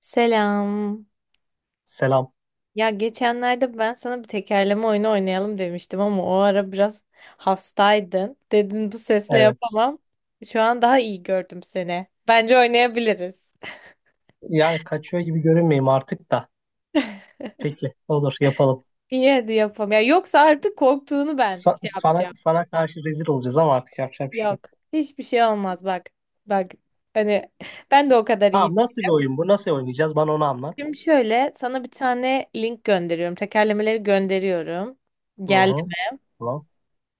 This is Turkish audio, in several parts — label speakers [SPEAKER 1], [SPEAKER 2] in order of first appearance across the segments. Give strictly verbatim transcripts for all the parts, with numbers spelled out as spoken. [SPEAKER 1] Selam.
[SPEAKER 2] Selam.
[SPEAKER 1] Ya geçenlerde ben sana bir tekerleme oyunu oynayalım demiştim ama o ara biraz hastaydın. Dedin bu sesle
[SPEAKER 2] Evet.
[SPEAKER 1] yapamam. Şu an daha iyi gördüm seni. Bence oynayabiliriz.
[SPEAKER 2] Yani kaçıyor gibi görünmeyeyim artık da. Peki, olur yapalım.
[SPEAKER 1] İyi hadi yapalım. Ya yoksa artık korktuğunu ben
[SPEAKER 2] Sa-
[SPEAKER 1] şey
[SPEAKER 2] sana
[SPEAKER 1] yapacağım.
[SPEAKER 2] sana karşı rezil olacağız ama artık yapacak bir şey
[SPEAKER 1] Yok.
[SPEAKER 2] yok.
[SPEAKER 1] Hiçbir şey olmaz bak. Bak hani ben de o kadar iyi.
[SPEAKER 2] Tamam, nasıl bir oyun bu? Nasıl oynayacağız? Bana onu anlat.
[SPEAKER 1] Şimdi şöyle sana bir tane link gönderiyorum. Tekerlemeleri gönderiyorum.
[SPEAKER 2] Hı hı. Tamam.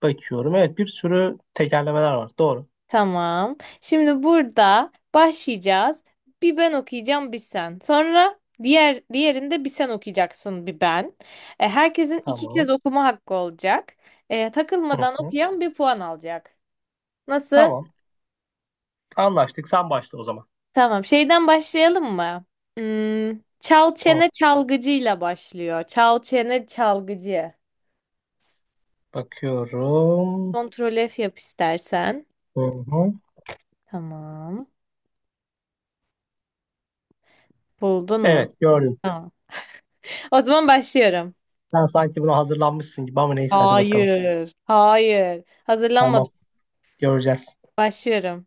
[SPEAKER 2] Bakıyorum. Evet, bir sürü tekerlemeler var. Doğru.
[SPEAKER 1] Tamam. Şimdi burada başlayacağız. Bir ben okuyacağım, bir sen. Sonra diğer diğerinde bir sen okuyacaksın, bir ben. E, herkesin iki kez
[SPEAKER 2] Tamam.
[SPEAKER 1] okuma hakkı olacak. E,
[SPEAKER 2] Hı
[SPEAKER 1] takılmadan
[SPEAKER 2] hı.
[SPEAKER 1] okuyan bir puan alacak. Nasıl?
[SPEAKER 2] Tamam. Anlaştık. Sen başla o zaman.
[SPEAKER 1] Tamam. Şeyden başlayalım mı? Hmm, çal çene
[SPEAKER 2] Hı.
[SPEAKER 1] çalgıcıyla başlıyor. Çal çene çalgıcı.
[SPEAKER 2] Bakıyorum.
[SPEAKER 1] Kontrol F yap istersen.
[SPEAKER 2] Hı hı.
[SPEAKER 1] Tamam. Buldun mu?
[SPEAKER 2] Evet, gördüm.
[SPEAKER 1] Tamam. O zaman başlıyorum.
[SPEAKER 2] Sen sanki buna hazırlanmışsın gibi ama neyse hadi bakalım.
[SPEAKER 1] Hayır. Hayır.
[SPEAKER 2] Tamam.
[SPEAKER 1] Hazırlanmadım.
[SPEAKER 2] Göreceğiz.
[SPEAKER 1] Başlıyorum.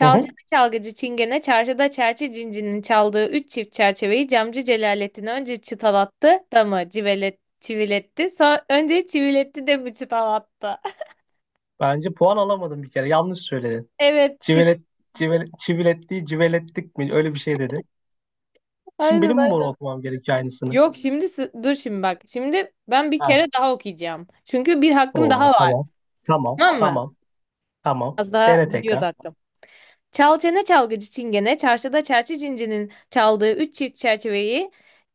[SPEAKER 2] Hı hı.
[SPEAKER 1] çalgıcı çingene, çarşıda çerçe cincinin çaldığı üç çift çerçeveyi camcı Celalettin önce çıtalattı da mı civelet, çiviletti. Sonra önce çiviletti de mi çıtalattı?
[SPEAKER 2] Bence puan alamadım bir kere. Yanlış söyledin.
[SPEAKER 1] Evet kesin.
[SPEAKER 2] Civelet, civelet, civeletli, civelettik mi? Öyle bir şey dedin. Şimdi
[SPEAKER 1] Aynen
[SPEAKER 2] benim mi bunu
[SPEAKER 1] aynen.
[SPEAKER 2] okumam gerekiyor aynısını?
[SPEAKER 1] Yok şimdi sı- dur şimdi bak. Şimdi ben bir kere
[SPEAKER 2] Ha.
[SPEAKER 1] daha okuyacağım. Çünkü bir hakkım daha
[SPEAKER 2] Oo,
[SPEAKER 1] var.
[SPEAKER 2] tamam. Tamam,
[SPEAKER 1] Tamam mı?
[SPEAKER 2] tamam, tamam.
[SPEAKER 1] Az daha
[SPEAKER 2] Dene
[SPEAKER 1] gidiyordu
[SPEAKER 2] tekrar.
[SPEAKER 1] hakkım. Çal çene çalgıcı çingene, çarşıda çerçi cincinin çaldığı üç çift çerçeveyi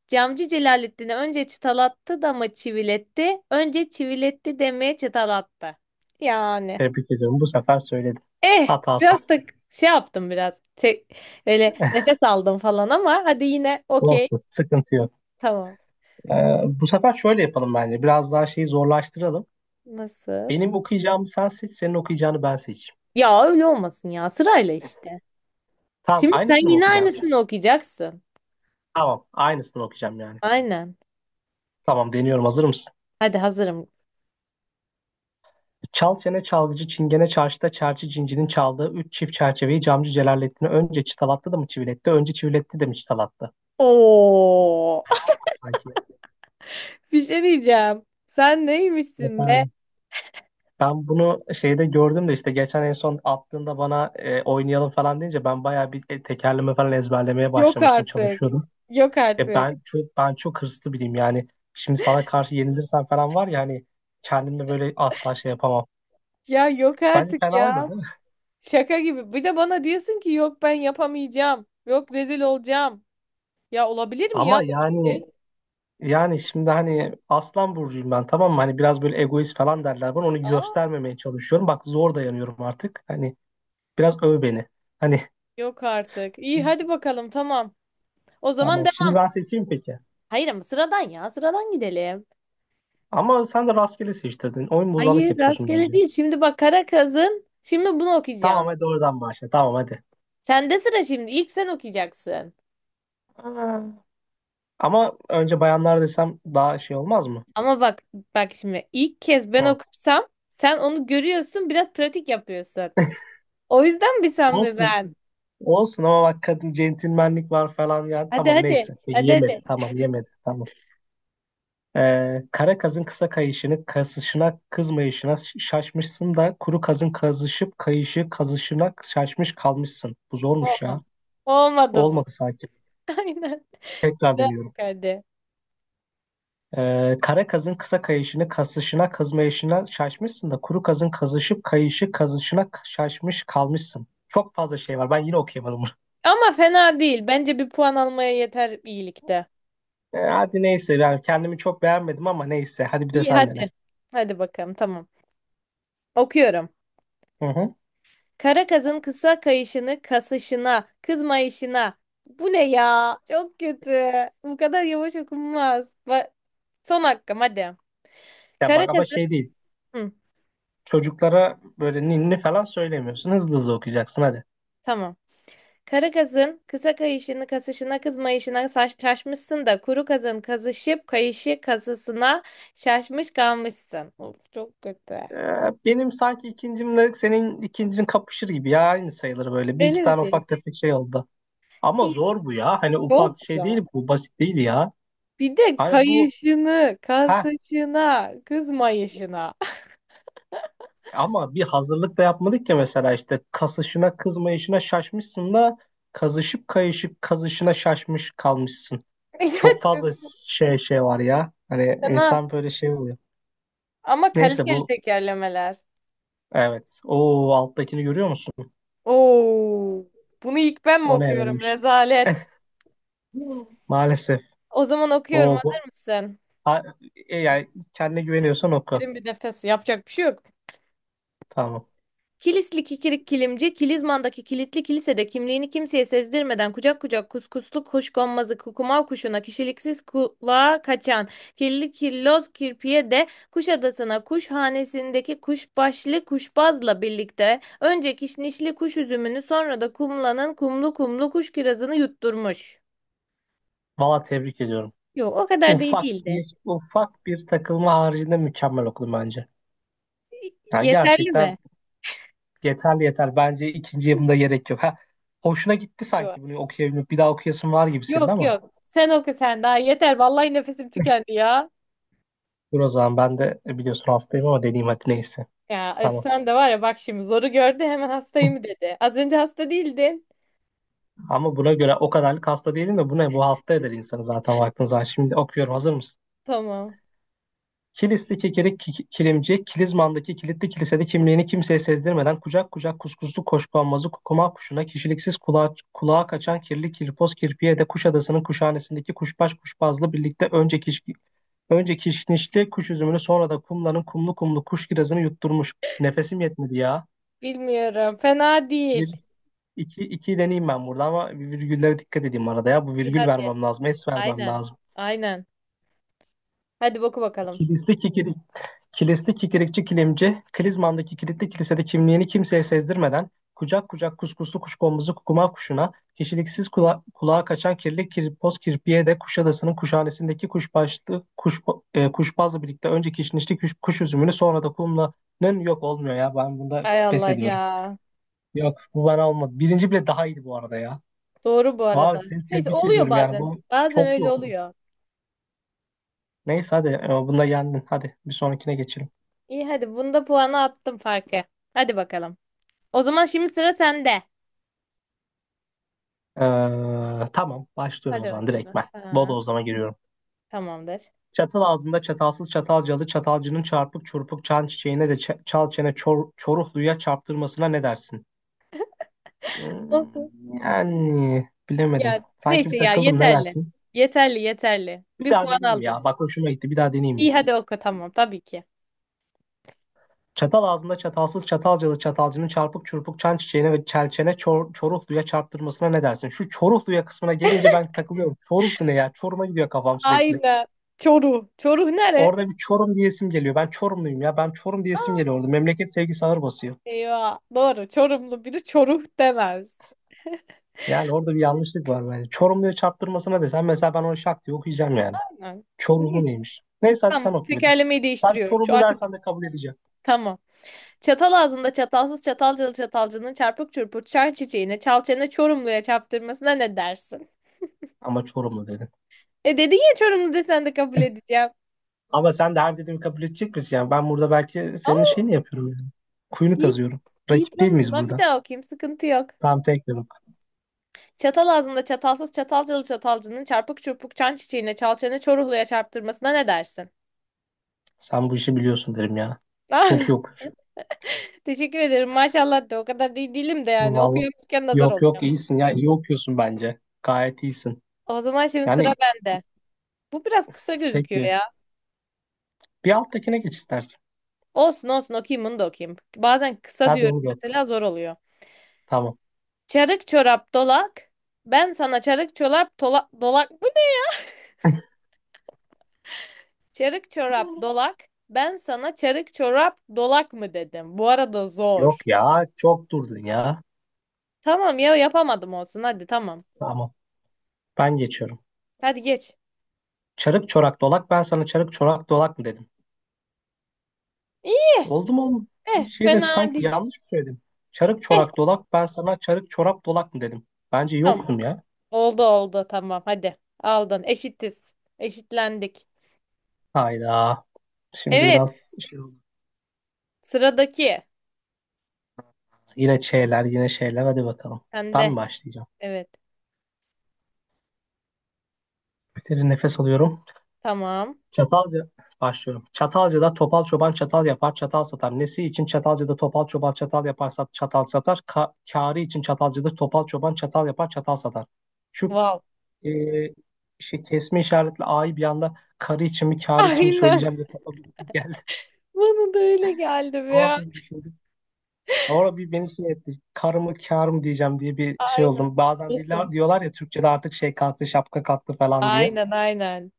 [SPEAKER 1] camcı Celalettin'e önce çıtalattı da mı çiviletti, önce çiviletti demeye çıtalattı. Yani.
[SPEAKER 2] Tebrik ediyorum. Bu sefer söyledim.
[SPEAKER 1] Eh, biraz da
[SPEAKER 2] Hatasız.
[SPEAKER 1] şey yaptım biraz. Te- böyle nefes aldım falan ama hadi yine okey.
[SPEAKER 2] Olsun, sıkıntı yok.
[SPEAKER 1] Tamam.
[SPEAKER 2] Ee, bu sefer şöyle yapalım bence. Biraz daha şeyi zorlaştıralım.
[SPEAKER 1] Nasıl?
[SPEAKER 2] Benim okuyacağımı sen seç, senin okuyacağını ben seçeyim.
[SPEAKER 1] Ya öyle olmasın ya sırayla işte.
[SPEAKER 2] Tamam,
[SPEAKER 1] Şimdi sen
[SPEAKER 2] aynısını mı
[SPEAKER 1] yine
[SPEAKER 2] okuyacağım şimdi?
[SPEAKER 1] aynısını okuyacaksın.
[SPEAKER 2] Tamam, aynısını okuyacağım yani.
[SPEAKER 1] Aynen.
[SPEAKER 2] Tamam, deniyorum. Hazır mısın?
[SPEAKER 1] Hadi hazırım.
[SPEAKER 2] Çal çene çalgıcı çingene çarşıda çerçi cincinin çaldığı üç çift çerçeveyi camcı Celalettin'e önce çıtalattı da mı çiviletti? Önce çiviletti de mi çıtalattı?
[SPEAKER 1] Oo.
[SPEAKER 2] Fena olmadı sanki.
[SPEAKER 1] Bir şey diyeceğim. Sen
[SPEAKER 2] Evet
[SPEAKER 1] neymişsin be?
[SPEAKER 2] abi. Ben bunu şeyde gördüm de işte geçen en son attığında bana e, oynayalım falan deyince ben bayağı bir e, tekerleme falan ezberlemeye
[SPEAKER 1] Yok
[SPEAKER 2] başlamıştım,
[SPEAKER 1] artık.
[SPEAKER 2] çalışıyordum.
[SPEAKER 1] Yok
[SPEAKER 2] E,
[SPEAKER 1] artık.
[SPEAKER 2] ben çok ben çok hırslı biriyim yani. Şimdi sana karşı yenilirsem falan var ya hani kendimle böyle asla şey yapamam.
[SPEAKER 1] Ya yok
[SPEAKER 2] Bence
[SPEAKER 1] artık
[SPEAKER 2] fena oldu.
[SPEAKER 1] ya.
[SPEAKER 2] Değil mi?
[SPEAKER 1] Şaka gibi. Bir de bana diyorsun ki yok ben yapamayacağım. Yok rezil olacağım. Ya olabilir mi
[SPEAKER 2] Ama
[SPEAKER 1] ya böyle bir
[SPEAKER 2] yani.
[SPEAKER 1] şey?
[SPEAKER 2] Yani şimdi hani aslan burcuyum ben, tamam mı? Hani biraz böyle egoist falan derler bana. Onu
[SPEAKER 1] Aa,
[SPEAKER 2] göstermemeye çalışıyorum. Bak zor dayanıyorum artık. Hani biraz öv beni. Hani
[SPEAKER 1] yok artık. İyi hadi bakalım tamam. O zaman
[SPEAKER 2] tamam.
[SPEAKER 1] devam.
[SPEAKER 2] Şimdi ben seçeyim peki.
[SPEAKER 1] Hayır ama sıradan ya sıradan gidelim.
[SPEAKER 2] Ama sen de rastgele seçtirdin. Oyun bozanlık
[SPEAKER 1] Hayır
[SPEAKER 2] yapıyorsun
[SPEAKER 1] rastgele
[SPEAKER 2] bence.
[SPEAKER 1] değil. Şimdi bak Karakaz'ın şimdi bunu okuyacaksın.
[SPEAKER 2] Tamam hadi oradan başla. Tamam hadi.
[SPEAKER 1] Sende sıra şimdi. İlk sen okuyacaksın.
[SPEAKER 2] Aa, ama önce bayanlar desem daha şey olmaz mı?
[SPEAKER 1] Ama bak bak şimdi ilk kez ben
[SPEAKER 2] Hı.
[SPEAKER 1] okursam sen onu görüyorsun biraz pratik yapıyorsun. O yüzden mi sen mi
[SPEAKER 2] Olsun.
[SPEAKER 1] ben?
[SPEAKER 2] Olsun ama bak kadın centilmenlik var falan yani.
[SPEAKER 1] Hadi
[SPEAKER 2] Tamam
[SPEAKER 1] hadi
[SPEAKER 2] neyse. Peki
[SPEAKER 1] hadi
[SPEAKER 2] yemedi.
[SPEAKER 1] hadi.
[SPEAKER 2] Tamam yemedi. Tamam. Ee, kara kazın kısa kayışını kasışına kızmayışına ş- şaşmışsın da kuru kazın kazışıp kayışı kazışına şaşmış kalmışsın. Bu zormuş
[SPEAKER 1] Olmadı.
[SPEAKER 2] ya.
[SPEAKER 1] Olmadı bu.
[SPEAKER 2] Olmadı sanki.
[SPEAKER 1] Aynen. Bir
[SPEAKER 2] Tekrar
[SPEAKER 1] daha bak
[SPEAKER 2] deniyorum.
[SPEAKER 1] hadi.
[SPEAKER 2] Ee, kara kazın kısa kayışını kasışına kızmayışına şaşmışsın da kuru kazın kazışıp kayışı kazışına k- şaşmış kalmışsın. Çok fazla şey var. Ben yine okuyamadım bunu.
[SPEAKER 1] Ama fena değil. Bence bir puan almaya yeter iyilikte.
[SPEAKER 2] Ee, hadi neyse yani kendimi çok beğenmedim ama neyse. Hadi bir de
[SPEAKER 1] İyi
[SPEAKER 2] sen dene.
[SPEAKER 1] hadi. Hadi bakalım tamam. Okuyorum.
[SPEAKER 2] Hı hı.
[SPEAKER 1] Kara kazın kısa kayışını kasışına, kızmayışına. Bu ne ya? Çok kötü. Bu kadar yavaş okunmaz. Bak, son hakkım hadi.
[SPEAKER 2] Ya
[SPEAKER 1] Kara
[SPEAKER 2] bak ama
[SPEAKER 1] kazın
[SPEAKER 2] şey değil.
[SPEAKER 1] Hı,
[SPEAKER 2] Çocuklara böyle ninni falan söylemiyorsun. Hızlı hızlı okuyacaksın hadi.
[SPEAKER 1] tamam. Kara kazın kısa kayışını kasışına kızmayışına saç şaşmışsın da kuru kazın kazışıp kayışı kasısına şaşmış kalmışsın. Of çok kötü.
[SPEAKER 2] Ee, benim sanki ikincimle senin ikincin kapışır gibi ya aynı sayılır böyle. Bir
[SPEAKER 1] Öyle
[SPEAKER 2] iki
[SPEAKER 1] mi
[SPEAKER 2] tane
[SPEAKER 1] değil?
[SPEAKER 2] ufak tefek şey oldu. Ama zor bu ya. Hani ufak
[SPEAKER 1] Çok
[SPEAKER 2] şey
[SPEAKER 1] da.
[SPEAKER 2] değil bu basit değil ya.
[SPEAKER 1] Bir de
[SPEAKER 2] Hani bu
[SPEAKER 1] kayışını,
[SPEAKER 2] heh
[SPEAKER 1] kasışına, kızmayışına.
[SPEAKER 2] ama bir hazırlık da yapmadık ya mesela işte kasışına kızmayışına şaşmışsın da kazışıp kayışıp kazışına şaşmış kalmışsın.
[SPEAKER 1] Ya
[SPEAKER 2] Çok fazla
[SPEAKER 1] çok
[SPEAKER 2] şey şey var ya. Hani
[SPEAKER 1] fena.
[SPEAKER 2] insan böyle şey oluyor.
[SPEAKER 1] Ama
[SPEAKER 2] Neyse
[SPEAKER 1] kaliteli
[SPEAKER 2] bu
[SPEAKER 1] tekerlemeler.
[SPEAKER 2] evet. O alttakini görüyor musun?
[SPEAKER 1] Oo, bunu ilk ben mi
[SPEAKER 2] O ne
[SPEAKER 1] okuyorum?
[SPEAKER 2] vermiş?
[SPEAKER 1] Rezalet.
[SPEAKER 2] Maalesef.
[SPEAKER 1] O zaman okuyorum.
[SPEAKER 2] O bu.
[SPEAKER 1] Hazır mısın?
[SPEAKER 2] Ha, e, yani kendine güveniyorsan oku.
[SPEAKER 1] Derin bir nefes. Yapacak bir şey yok.
[SPEAKER 2] Tamam.
[SPEAKER 1] Kilisli kikirik kilimci, Kilizman'daki kilitli kilisede kimliğini kimseye sezdirmeden kucak kucak kuskuslu kuşkonmazı kukumav kuşuna kişiliksiz kulağa kaçan kirli kirloz kirpiye de Kuşadası'na kuşhanesindeki kuşbaşlı kuşbazla birlikte önce kişnişli kuş üzümünü sonra da kumlanın kumlu kumlu kuş kirazını yutturmuş.
[SPEAKER 2] Valla tebrik ediyorum.
[SPEAKER 1] Yok o kadar da iyi
[SPEAKER 2] Ufak
[SPEAKER 1] değildi.
[SPEAKER 2] bir ufak bir takılma haricinde mükemmel okudum bence. Yani
[SPEAKER 1] Yeterli
[SPEAKER 2] gerçekten
[SPEAKER 1] mi?
[SPEAKER 2] yeterli yeter. Bence ikinci yapımda gerek yok. Ha, hoşuna gitti
[SPEAKER 1] Yok.
[SPEAKER 2] sanki bunu okuyabilmek. Bir daha okuyasın var gibi senin
[SPEAKER 1] Yok
[SPEAKER 2] ama.
[SPEAKER 1] yok. Sen oku sen daha yeter. Vallahi nefesim tükendi ya.
[SPEAKER 2] Dur o zaman ben de e, biliyorsun hastayım ama deneyim hadi neyse.
[SPEAKER 1] Ya öf
[SPEAKER 2] Tamam.
[SPEAKER 1] sen de var ya bak şimdi zoru gördü hemen hastayım dedi. Az önce hasta değildin.
[SPEAKER 2] Ama buna göre o kadarlık hasta değilim de bu ne? Bu hasta eder insanı zaten baktığın zaman. Şimdi okuyorum. Hazır mısın?
[SPEAKER 1] Tamam.
[SPEAKER 2] Kilisli kekerek kilimci, Kilizman'daki kilitli kilisede kimliğini kimseye sezdirmeden kucak kucak kuskuslu koşkonmazı kukuma kuşuna, kişiliksiz kulağa, kulağa, kaçan kirli kirpoz kirpiye de Kuşadası'nın kuşhanesindeki kuşbaş kuşbazla birlikte önce kiş, önce kişnişli kuş üzümünü sonra da kumların kumlu kumlu kuş kirazını yutturmuş. Nefesim yetmedi ya.
[SPEAKER 1] Bilmiyorum. Fena
[SPEAKER 2] Bir,
[SPEAKER 1] değil.
[SPEAKER 2] iki, iki deneyeyim ben burada ama virgüllere dikkat edeyim arada ya. Bu
[SPEAKER 1] İyi
[SPEAKER 2] virgül
[SPEAKER 1] hadi.
[SPEAKER 2] vermem lazım, es vermem
[SPEAKER 1] Aynen.
[SPEAKER 2] lazım.
[SPEAKER 1] Aynen. Hadi boku bakalım.
[SPEAKER 2] Kilisli kikirik, kilisli kikirikçi kilimci, Kilizman'daki kilitli kilisede kimliğini kimseye sezdirmeden, kucak kucak kuskuslu kuşkonmuzu kukuma kuşuna, kişiliksiz kula- kulağa kaçan kirli kirpoz kirpiye de Kuşadası'nın kuşhanesindeki kuşbaşlı, kuş, e, kuşbazla birlikte önce kişnişli kuş, kuş üzümünü sonra da kumlanın yok olmuyor ya. Ben bunda
[SPEAKER 1] Ay
[SPEAKER 2] pes
[SPEAKER 1] Allah ya.
[SPEAKER 2] ediyorum. Yok bu bana olmadı. Birinci bile daha iyiydi bu arada ya.
[SPEAKER 1] Doğru bu
[SPEAKER 2] Var
[SPEAKER 1] arada.
[SPEAKER 2] seni
[SPEAKER 1] Neyse
[SPEAKER 2] tebrik
[SPEAKER 1] oluyor
[SPEAKER 2] ediyorum yani
[SPEAKER 1] bazen.
[SPEAKER 2] bu
[SPEAKER 1] Bazen
[SPEAKER 2] çok iyi
[SPEAKER 1] öyle
[SPEAKER 2] okudum.
[SPEAKER 1] oluyor.
[SPEAKER 2] Neyse hadi e, bunda yendin. Hadi bir sonrakine geçelim.
[SPEAKER 1] İyi hadi bunda puanı attım farkı. Hadi bakalım. O zaman şimdi sıra sende.
[SPEAKER 2] Ee, tamam başlıyorum o
[SPEAKER 1] Hadi
[SPEAKER 2] zaman direkt
[SPEAKER 1] bakalım.
[SPEAKER 2] ben.
[SPEAKER 1] Ha,
[SPEAKER 2] Bodozlama giriyorum.
[SPEAKER 1] tamamdır.
[SPEAKER 2] Çatal ağzında çatalsız çatalcalı çatalcının çarpık çurpuk çan çiçeğine de ç- çal çene çor çoruhluya çarptırmasına ne dersin? Hmm,
[SPEAKER 1] Nasıl?
[SPEAKER 2] yani bilemedim.
[SPEAKER 1] Ya
[SPEAKER 2] Sanki bir
[SPEAKER 1] neyse ya
[SPEAKER 2] takıldım ne
[SPEAKER 1] yeterli.
[SPEAKER 2] dersin?
[SPEAKER 1] Yeterli yeterli.
[SPEAKER 2] Bir
[SPEAKER 1] Bir
[SPEAKER 2] daha
[SPEAKER 1] puan
[SPEAKER 2] deneyeyim ya.
[SPEAKER 1] aldın.
[SPEAKER 2] Bak hoşuma gitti bir daha deneyeyim mi?
[SPEAKER 1] İyi hadi oku tamam tabii ki.
[SPEAKER 2] Çatal ağzında çatalsız çatalcalı çatalcının çarpık çurpuk çan çiçeğine ve çelçene çor çoruhluya çarptırmasına ne dersin? Şu çoruhluya kısmına gelince ben takılıyorum. Çoruhlu ne ya? Çoruma gidiyor kafam sürekli.
[SPEAKER 1] Aynen. Çoruh. Çoruh nere?
[SPEAKER 2] Orada bir Çorum diyesim geliyor. Ben Çorumluyum ya. Ben Çorum
[SPEAKER 1] Aa,
[SPEAKER 2] diyesim geliyor orada. Memleket sevgisi ağır basıyor.
[SPEAKER 1] eyvah. Doğru. Çorumlu biri çoruh demez.
[SPEAKER 2] Yani orada bir yanlışlık var bence. Çorumluya çarptırmasına desen mesela ben onu şak diye okuyacağım yani.
[SPEAKER 1] Aynen.
[SPEAKER 2] Çorumlu
[SPEAKER 1] Neyse
[SPEAKER 2] neymiş? Neyse hadi
[SPEAKER 1] tamam
[SPEAKER 2] sen oku bir de.
[SPEAKER 1] tekerlemeyi
[SPEAKER 2] Sen
[SPEAKER 1] değiştiriyoruz. Şu
[SPEAKER 2] Çorumlu
[SPEAKER 1] artık
[SPEAKER 2] dersen de kabul edeceğim.
[SPEAKER 1] tamam. Çatal ağzında çatalsız çatalcalı çatalcının çarpık çırpık çar çiçeğine çalçene Çorumlu'ya çarptırmasına ne dersin?
[SPEAKER 2] Ama Çorumlu dedin.
[SPEAKER 1] E dedin ya Çorumlu desen de kabul edeceğim.
[SPEAKER 2] Ama sen de her dediğimi kabul edecek misin? Yani ben burada belki senin
[SPEAKER 1] Aa,
[SPEAKER 2] şeyini yapıyorum yani. Kuyunu
[SPEAKER 1] iyi,
[SPEAKER 2] kazıyorum.
[SPEAKER 1] iyi
[SPEAKER 2] Rakip değil
[SPEAKER 1] tamam o
[SPEAKER 2] miyiz
[SPEAKER 1] zaman bir
[SPEAKER 2] burada?
[SPEAKER 1] daha okuyayım sıkıntı yok.
[SPEAKER 2] Tamam tekrar oku.
[SPEAKER 1] Çatal ağzında çatalsız çatalcalı çatalcının çarpık çırpık çan çiçeğine çalçene Çorumlu'ya çarptırmasına ne dersin?
[SPEAKER 2] Sen bu işi biliyorsun derim ya. Çok iyi okuyorsun.
[SPEAKER 1] Teşekkür ederim. Maşallah de o kadar değil değilim de yani
[SPEAKER 2] Vallahi
[SPEAKER 1] okuyamıyorken nazar
[SPEAKER 2] yok yok
[SPEAKER 1] olacağım.
[SPEAKER 2] iyisin ya. İyi okuyorsun bence. Gayet iyisin.
[SPEAKER 1] O zaman şimdi sıra
[SPEAKER 2] Yani
[SPEAKER 1] bende. Bu biraz kısa gözüküyor
[SPEAKER 2] peki.
[SPEAKER 1] ya.
[SPEAKER 2] Bir alttakine geç istersen.
[SPEAKER 1] Olsun olsun okuyayım bunu da okuyayım. Bazen kısa
[SPEAKER 2] Hadi
[SPEAKER 1] diyorum
[SPEAKER 2] onu da oku.
[SPEAKER 1] mesela zor oluyor.
[SPEAKER 2] Tamam.
[SPEAKER 1] Çarık çorap dolak. Ben sana çarık çorap dolak dolak mı? de- Çarık çorap dolak. Ben sana çarık çorap dolak mı dedim. Bu arada
[SPEAKER 2] Yok
[SPEAKER 1] zor.
[SPEAKER 2] ya çok durdun ya.
[SPEAKER 1] Tamam ya yapamadım olsun hadi tamam.
[SPEAKER 2] Tamam ben geçiyorum.
[SPEAKER 1] Hadi geç.
[SPEAKER 2] Çarık çorak dolak ben sana çarık çorak dolak mı dedim.
[SPEAKER 1] İyi.
[SPEAKER 2] Oldu mu oğlum? Bir
[SPEAKER 1] Eh
[SPEAKER 2] şey de
[SPEAKER 1] fena
[SPEAKER 2] sanki
[SPEAKER 1] değil.
[SPEAKER 2] yanlış mı söyledim? Çarık
[SPEAKER 1] Eh
[SPEAKER 2] çorak dolak ben sana çarık çorap dolak mı dedim. Bence iyi
[SPEAKER 1] tamam.
[SPEAKER 2] okudum ya.
[SPEAKER 1] Oldu oldu tamam hadi. Aldın. Eşitiz. Eşitlendik.
[SPEAKER 2] Hayda. Şimdi
[SPEAKER 1] Evet.
[SPEAKER 2] biraz şey oldu.
[SPEAKER 1] Sıradaki.
[SPEAKER 2] Yine şeyler yine şeyler hadi bakalım. Ben
[SPEAKER 1] Sende.
[SPEAKER 2] mi başlayacağım?
[SPEAKER 1] Evet.
[SPEAKER 2] Bir kere nefes alıyorum.
[SPEAKER 1] Tamam.
[SPEAKER 2] Çatalca başlıyorum. Çatalca'da topal çoban çatal yapar, çatal satar. Nesi için Çatalca'da topal çoban çatal yapar, sat, çatal satar. Ka kârı için Çatalca'da topal çoban çatal yapar, çatal satar. Şu
[SPEAKER 1] Wow.
[SPEAKER 2] e, şey, kesme işaretli A'yı bir anda karı için mi kârı için mi
[SPEAKER 1] Aynen.
[SPEAKER 2] söyleyeceğim diye kafam bir geldi.
[SPEAKER 1] Bana da öyle geldi
[SPEAKER 2] Ama
[SPEAKER 1] ya.
[SPEAKER 2] bir düşündüm. Ama bir beni şey etti. Kar mı kâr mı diyeceğim diye bir şey
[SPEAKER 1] Aynen.
[SPEAKER 2] oldum. Bazen diller,
[SPEAKER 1] Olsun.
[SPEAKER 2] diyorlar ya Türkçe'de artık şey kalktı, şapka kalktı falan diye.
[SPEAKER 1] Aynen aynen.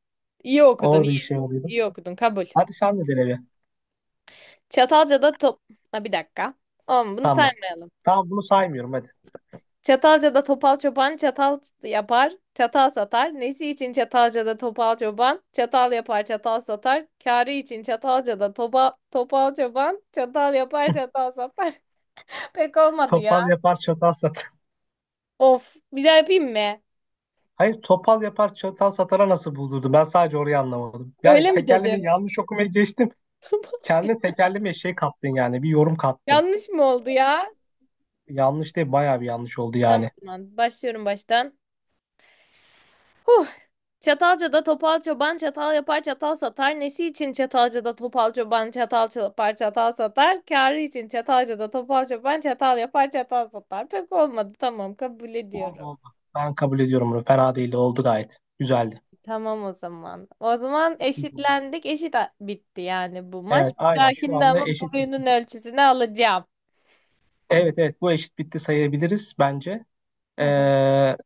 [SPEAKER 1] İyi okudun
[SPEAKER 2] Orada bir
[SPEAKER 1] iyi.
[SPEAKER 2] şey oluyordu.
[SPEAKER 1] İyi okudun kabul.
[SPEAKER 2] Hadi sen de dene bir.
[SPEAKER 1] Çatalca'da top... Ha, bir dakika. Oğlum bunu
[SPEAKER 2] Tamam.
[SPEAKER 1] saymayalım.
[SPEAKER 2] Tamam bunu saymıyorum hadi.
[SPEAKER 1] Çatalca'da topal çoban çatal yapar, çatal satar. Nesi için Çatalca'da topal çoban? Çatal yapar, çatal satar. Kârı için Çatalca'da topa, topal çoban çatal yapar, çatal satar. Pek olmadı ya.
[SPEAKER 2] Topal yapar çatal satar.
[SPEAKER 1] Of, bir daha yapayım mı?
[SPEAKER 2] Hayır topal yapar çatal satara nasıl buldurdu? Ben sadece orayı anlamadım. Yani
[SPEAKER 1] Öyle mi
[SPEAKER 2] tekerlemeyi
[SPEAKER 1] dedim?
[SPEAKER 2] yanlış okumayı geçtim. Kendine tekerleme şey kattın yani. Bir yorum kattın.
[SPEAKER 1] Yanlış mı oldu ya?
[SPEAKER 2] Yanlış değil bayağı bir yanlış oldu
[SPEAKER 1] Tamam,
[SPEAKER 2] yani.
[SPEAKER 1] tamam, başlıyorum baştan. Huh. Çatalca'da topal çoban çatal yapar çatal satar. Nesi için Çatalca'da topal çoban çatal yapar çatal satar. Kârı için Çatalca'da topal çoban çatal yapar çatal satar. Pek olmadı tamam kabul
[SPEAKER 2] Oldu
[SPEAKER 1] ediyorum.
[SPEAKER 2] oldu. Ben kabul ediyorum bunu. Fena değildi. Oldu gayet. Güzeldi.
[SPEAKER 1] Tamam o zaman. O zaman eşitlendik. Eşit a- bitti yani bu maç.
[SPEAKER 2] Evet
[SPEAKER 1] Bir
[SPEAKER 2] aynen şu
[SPEAKER 1] dahakinde
[SPEAKER 2] anda
[SPEAKER 1] ama
[SPEAKER 2] eşit bitti.
[SPEAKER 1] boyunun ölçüsünü alacağım.
[SPEAKER 2] Evet evet bu eşit bitti sayabiliriz bence. Ee,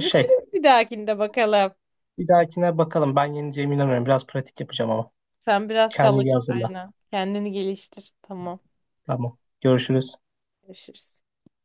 [SPEAKER 2] şey
[SPEAKER 1] bir dahakinde bakalım.
[SPEAKER 2] Bir dahakine bakalım. Ben yeneceğime inanıyorum. Biraz pratik yapacağım ama.
[SPEAKER 1] Sen biraz
[SPEAKER 2] Kendini iyi
[SPEAKER 1] çalış
[SPEAKER 2] hazırla.
[SPEAKER 1] aynen. Kendini geliştir. Tamam.
[SPEAKER 2] Tamam. Görüşürüz.
[SPEAKER 1] Görüşürüz.